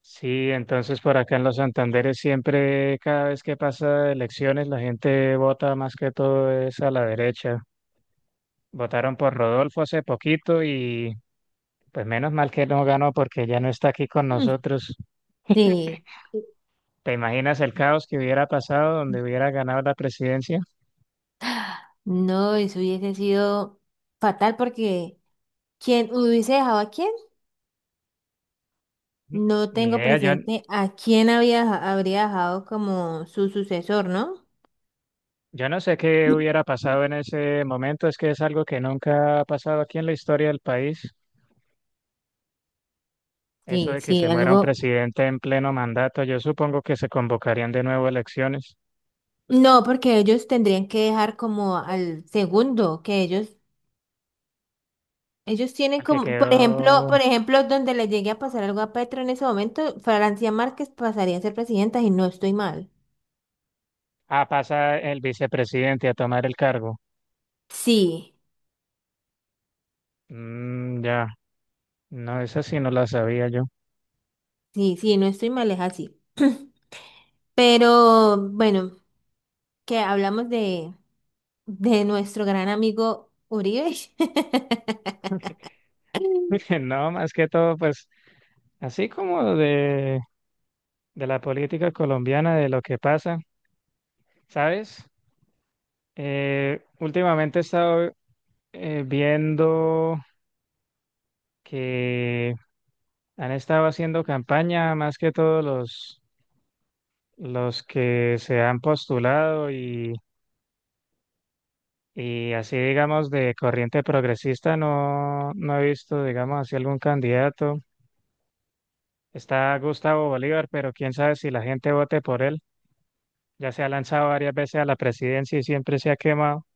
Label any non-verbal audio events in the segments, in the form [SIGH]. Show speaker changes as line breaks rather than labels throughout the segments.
Sí, entonces por acá en los Santanderes siempre, cada vez que pasa elecciones, la gente vota más que todo es a la derecha. Votaron por Rodolfo hace poquito y pues menos mal que no ganó porque ya no está aquí con
Mm.
nosotros.
Sí.
¿Te imaginas el caos que hubiera pasado donde hubiera ganado la presidencia?
No, eso hubiese sido fatal porque ¿quién hubiese dejado a quién?
N-
No
Ni
tengo
idea, yo,
presente a quién había, deja- habría dejado como su sucesor, ¿no?
yo no sé qué hubiera pasado en ese momento, es que es algo que nunca ha pasado aquí en la historia del país. Eso
Sí,
de que se
sí,
muera un
algo.
presidente en pleno mandato, yo supongo que se convocarían de nuevo elecciones.
No, porque ellos tendrían que dejar como al segundo, que ellos tienen
Al que
como, por ejemplo,
quedó.
donde le llegue a pasar algo a Petro en ese momento, Francia Márquez pasaría a ser presidenta y no estoy mal.
Ah, pasa el vicepresidente a tomar el cargo.
Sí,
Mm, ya. No, esa sí no la sabía yo.
sí, sí, no estoy mal, es así. [CLEARS THROAT] Pero bueno, que hablamos de nuestro gran amigo Uribe. [LAUGHS]
[LAUGHS] No, más que todo, pues, así como de la política colombiana, de lo que pasa, ¿sabes? Últimamente he estado viendo que han estado haciendo campaña más que todos los que se han postulado y así digamos de corriente progresista no, no he visto digamos así algún candidato. Está Gustavo Bolívar, pero quién sabe si la gente vote por él. Ya se ha lanzado varias veces a la presidencia y siempre se ha quemado,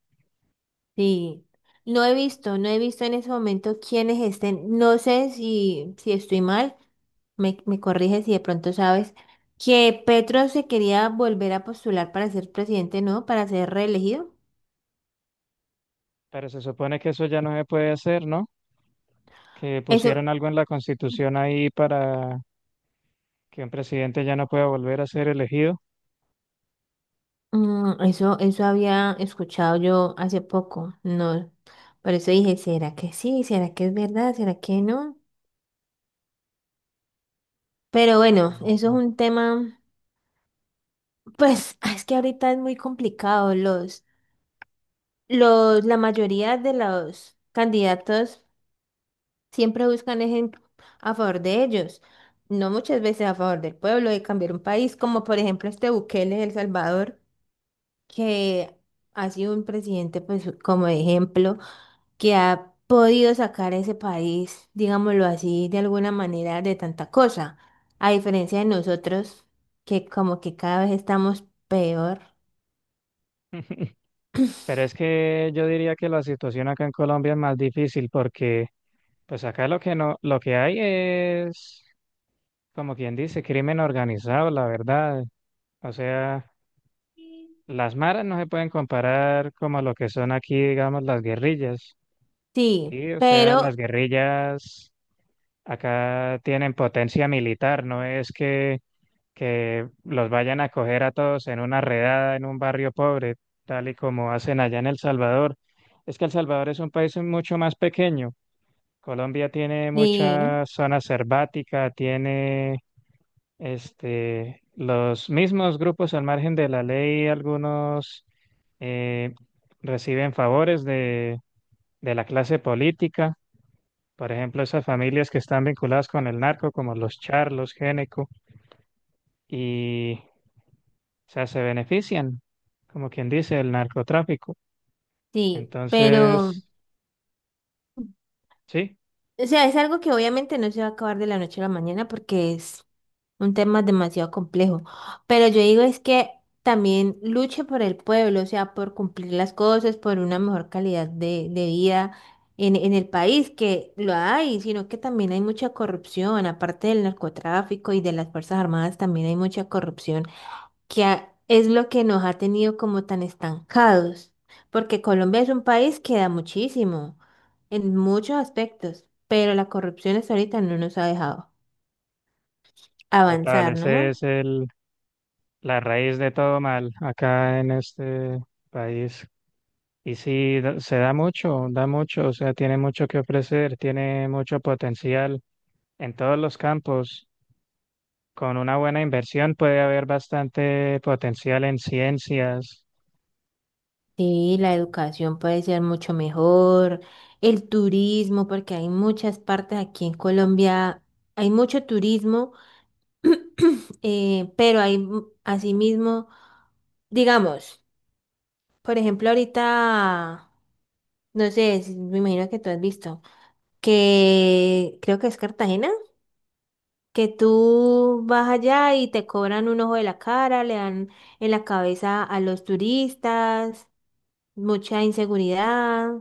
Sí, no he visto en ese momento quiénes estén, no sé si, si estoy mal, me corriges si de pronto sabes que Petro se quería volver a postular para ser presidente, ¿no? Para ser reelegido.
pero se supone que eso ya no se puede hacer, ¿no? Que pusieron
Eso,
algo en la constitución ahí para que un presidente ya no pueda volver a ser elegido.
Eso había escuchado yo hace poco, no, por eso dije, ¿será que sí? ¿Será que es verdad? ¿Será que no? Pero bueno, eso es un tema, [LAUGHS] pues es que ahorita es muy complicado. La mayoría de los candidatos siempre buscan es en- a favor de ellos, no muchas veces a favor del pueblo, de cambiar un país, como por ejemplo este Bukele de El Salvador, que ha sido un presidente, pues como ejemplo, que ha podido sacar a ese país, digámoslo así, de alguna manera de tanta cosa, a diferencia de nosotros, que como que cada vez estamos peor.
[LAUGHS] Pero es que yo diría que la situación acá en Colombia es más difícil porque pues acá lo que no, lo que hay es, como quien dice, crimen organizado, la verdad. O sea, las maras no se pueden comparar como lo que son aquí, digamos, las guerrillas.
Sí,
Sí, o sea, las
pero,
guerrillas acá tienen potencia militar, no es que los vayan a coger a todos en una redada en un barrio pobre, tal y como hacen allá en El Salvador. Es que El Salvador es un país mucho más pequeño. Colombia tiene
sí,
mucha zona selvática, tiene este, los mismos grupos al margen de la ley, algunos eh, reciben favores de la clase política, por ejemplo, esas familias que están vinculadas con el narco, como los charlos, Géneco, y o sea, se benefician, como quien dice, el narcotráfico.
sí, pero,
Entonces, sí,
o sea, es algo que obviamente no se va a acabar de la noche a la mañana porque es un tema demasiado complejo. Pero yo digo es que también luche por el pueblo, o sea, por cumplir las cosas, por una mejor calidad de vida en el país, que lo hay, sino que también hay mucha corrupción, aparte del narcotráfico y de las Fuerzas Armadas, también hay mucha corrupción, que ha- es lo que nos ha tenido como tan estancados, porque Colombia es un país que da muchísimo, en muchos aspectos, pero la corrupción hasta ahorita no nos ha dejado
total,
avanzar,
ese
¿no?
es el, la raíz de todo mal acá en este país. Y sí, se da mucho, o sea, tiene mucho que ofrecer, tiene mucho potencial en todos los campos. Con una buena inversión puede haber bastante potencial en ciencias
Sí, la educación puede ser mucho mejor, el turismo, porque hay muchas partes aquí en Colombia, hay mucho turismo, [CLEARS THROAT] pero hay mu- asimismo, digamos, por ejemplo, ahorita, no sé, si- me imagino que tú has visto, que creo que es Cartagena, que tú vas allá y te cobran un ojo de la cara, le dan en la cabeza a los turistas, mucha inseguridad.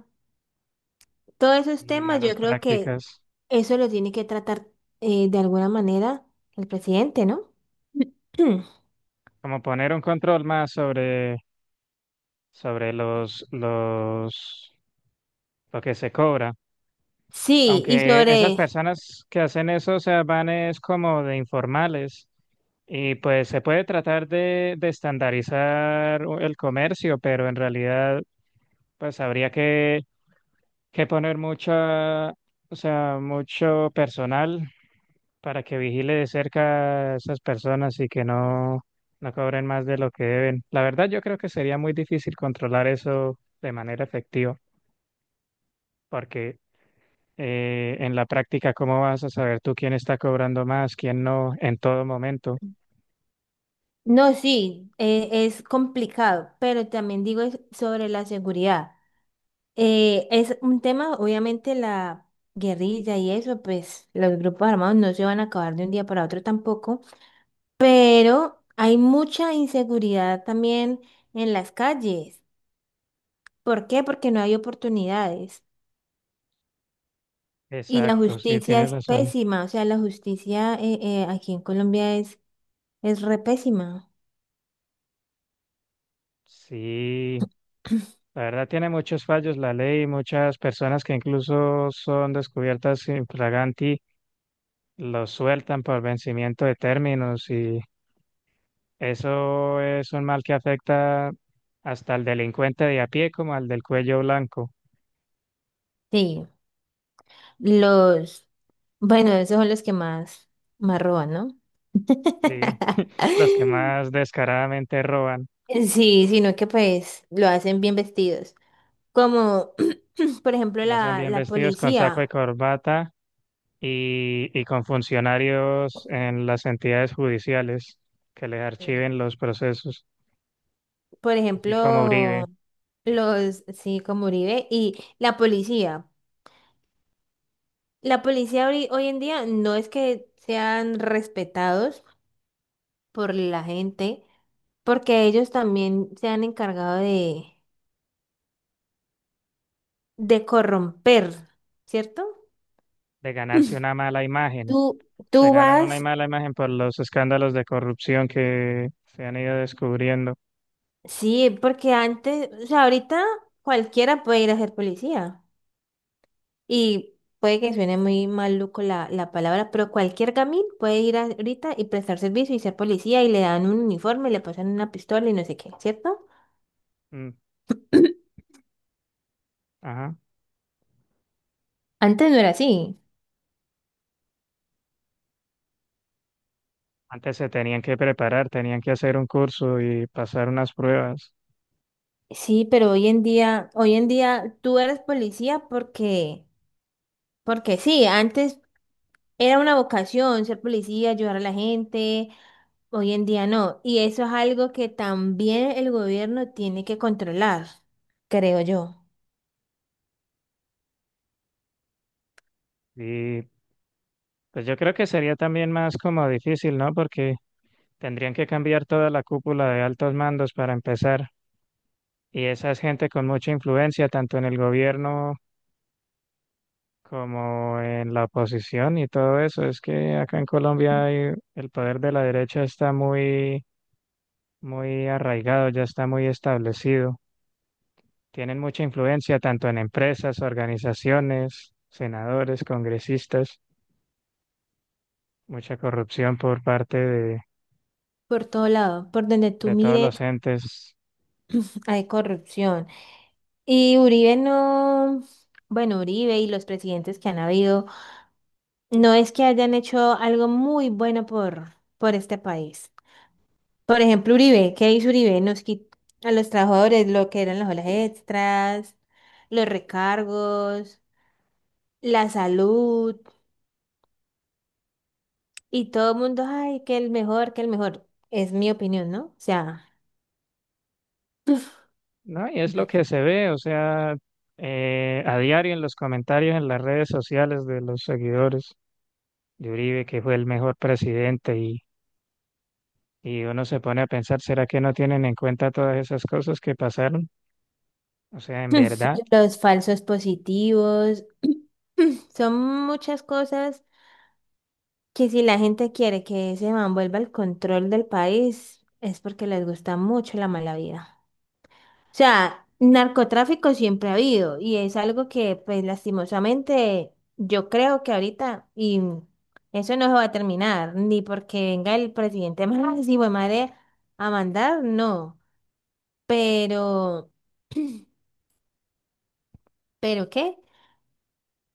Todos esos
y
temas yo
malas
creo que
prácticas.
eso lo tiene que tratar de alguna manera el presidente, ¿no? [CLEARS THROAT] Hmm.
Como poner un control más sobre lo que se cobra.
Sí, y
Aunque esas
sobre...
personas que hacen eso, o sea, van es como de informales. Y pues se puede tratar de estandarizar el comercio, pero en realidad pues habría que poner mucha, o sea, mucho personal para que vigile de cerca a esas personas y que no, no cobren más de lo que deben. La verdad yo creo que sería muy difícil controlar eso de manera efectiva, porque en la práctica, ¿cómo vas a saber tú quién está cobrando más, quién no, en todo momento?
No, sí, es complicado, pero también digo es sobre la seguridad. Es un tema, obviamente la guerrilla y eso, pues los grupos armados no se van a acabar de un día para otro tampoco, pero hay mucha inseguridad también en las calles. ¿Por qué? Porque no hay oportunidades. Y la
Exacto, sí,
justicia
tienes
es
razón.
pésima, o sea, la justicia aquí en Colombia es re pésima.
Sí, la verdad tiene muchos fallos la ley, muchas personas que incluso son descubiertas infraganti, los sueltan por vencimiento de términos y eso es un mal que afecta hasta al delincuente de a pie como al del cuello blanco,
Sí, los, bueno, esos son más roban, ¿no?
sí,
[LAUGHS]
[LAUGHS] los que más descaradamente roban,
Sí, sino que pues lo hacen bien vestidos. Como, [CLEARS THROAT] por ejemplo,
lo hacen bien
la
vestidos con saco y
policía.
corbata y con funcionarios en las entidades judiciales que les
Sí.
archiven los procesos,
Por
así como
ejemplo,
Uribe,
los, sí, como Uribe y la policía. La policía hoy en día no es que sean respetados por la gente, porque ellos también se han encargado de corromper, ¿cierto?
de ganarse una mala imagen.
Tú,
Se
tú
ganan una
vas,
mala imagen por los escándalos de corrupción que se han ido descubriendo.
sí, porque antes, o sea, ahorita cualquiera puede ir a ser policía. Y puede que suene muy maluco la palabra, pero cualquier gamín puede ir a- ahorita y prestar servicio y ser policía y le dan un uniforme, le pasan una pistola y no sé qué, ¿cierto?
Mm,
[CLEARS THROAT]
ajá.
Antes no era así.
Antes se tenían que preparar, tenían que hacer un curso y pasar unas pruebas.
Sí, pero hoy en día tú eres policía porque porque sí, antes era una vocación ser policía, ayudar a la gente, hoy en día no. Y eso es algo que también el gobierno tiene que controlar, creo yo.
Y pues yo creo que sería también más como difícil, ¿no? Porque tendrían que cambiar toda la cúpula de altos mandos para empezar. Y esa es gente con mucha influencia, tanto en el gobierno como en la oposición y todo eso. Es que acá en Colombia hay- el poder de la derecha está muy arraigado, ya está muy establecido. Tienen mucha influencia tanto en empresas, organizaciones, senadores, congresistas, mucha corrupción por parte
Por todo lado, por donde tú
de todos
mires,
los entes.
hay corrupción. Y Uribe no, bueno, Uribe y los presidentes que han habido, no es que hayan hecho algo muy bueno por este país. Por ejemplo, Uribe, ¿qué hizo Uribe? Nos quitó a los trabajadores lo que eran las horas extras, los recargos, la salud y todo el mundo, ay, que el mejor, que el mejor. Es mi opinión, ¿no? O sea,
No, y es lo
los
que se ve, o sea, a diario en los comentarios, en las redes sociales de los seguidores de Uribe, que fue el mejor presidente y uno se pone a pensar, ¿será que no tienen en cuenta todas esas cosas que pasaron? O sea, en verdad,
[LAUGHS] los falsos positivos, son muchas cosas que si la gente quiere que ese man vuelva al control del país, es porque les gusta mucho la mala vida. O sea, narcotráfico siempre ha habido y es algo que, pues, lastimosamente, yo creo que ahorita, y eso no se va a terminar, ni porque venga el presidente [LAUGHS] más hijo de madre a mandar, no. Pero, ¿Pero qué?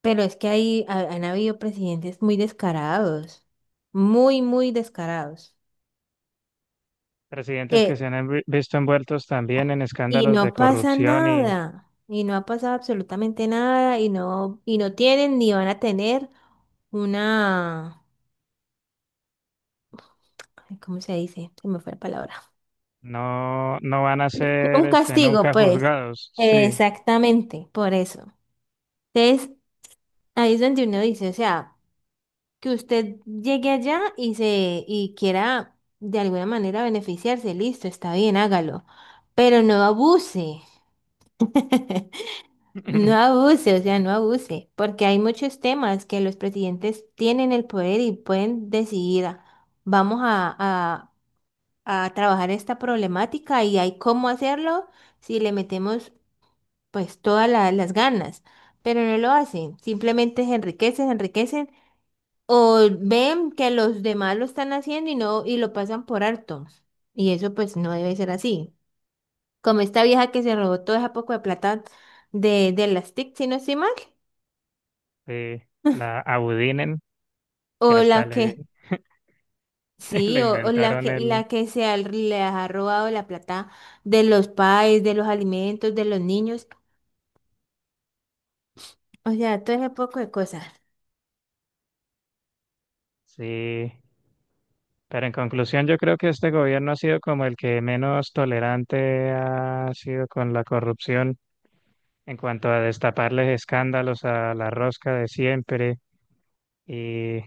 Pero es que ahí ha- han habido presidentes muy descarados, muy descarados,
presidentes que
que
se han visto envueltos también en
y
escándalos de
no pasa
corrupción y
nada, y no ha pasado absolutamente nada, y no tienen ni van a tener una, ay, ¿cómo se dice? Se me fue la palabra.
no, no van a
[LAUGHS]
ser
Un
este,
castigo,
nunca
pues.
juzgados. Sí,
Exactamente, por eso. Entonces, ahí es donde uno dice, o sea, que usted llegue allá y quiera de alguna manera beneficiarse, listo, está bien, hágalo, pero no abuse. [LAUGHS] No
[LAUGHS]
abuse, o sea, no abuse, porque hay muchos temas que los presidentes tienen el poder y pueden decidir, "Ah, vamos a, a- a trabajar esta problemática y hay cómo hacerlo si le metemos pues todas la- las ganas, pero no lo hacen, simplemente se enriquecen o ven que los demás lo están haciendo y no y lo pasan por alto. Y eso pues no debe ser así. Como esta vieja que se robó toda esa poco de plata de las TIC, si no estoy mal.
sí, la Abudinen, que
O la
hasta le,
que,
[LAUGHS] le
sí, o
inventaron el...
la que se ha- le ha robado la plata de los pais, de los alimentos, de los niños, o sea, todo ese poco de cosas.
Sí, pero en conclusión yo creo que este gobierno ha sido como el que menos tolerante ha sido con la corrupción en cuanto a destaparles escándalos a la rosca de siempre y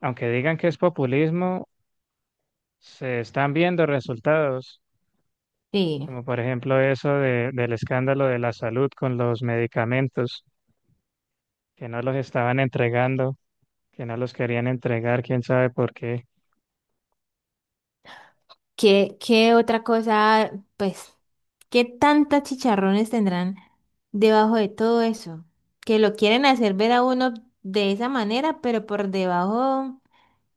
aunque digan que es populismo, se están viendo resultados,
Sí.
como por ejemplo eso del escándalo de la salud con los medicamentos, que no los estaban entregando, que no los querían entregar, quién sabe por qué,
¿Qué, qué otra cosa, pues, qué tantas chicharrones tendrán debajo de todo eso? Que lo quieren hacer ver a uno de esa manera, pero por debajo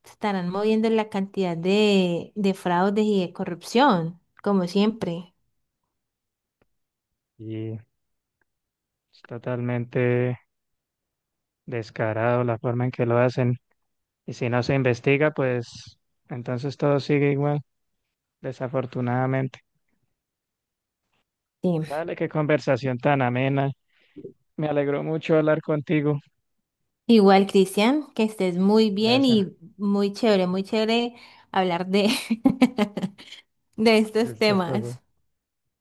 estarán moviendo la cantidad de fraudes y de corrupción, como siempre.
y es totalmente descarado la forma en que lo hacen. Y si no se investiga, pues entonces todo sigue igual, desafortunadamente.
Sí.
Vale, qué conversación tan amena. Me alegró mucho hablar contigo.
Igual, Cristian, que estés muy bien
Gracias
y muy chévere hablar de, [LAUGHS] de
de
estos
estas cosas.
temas.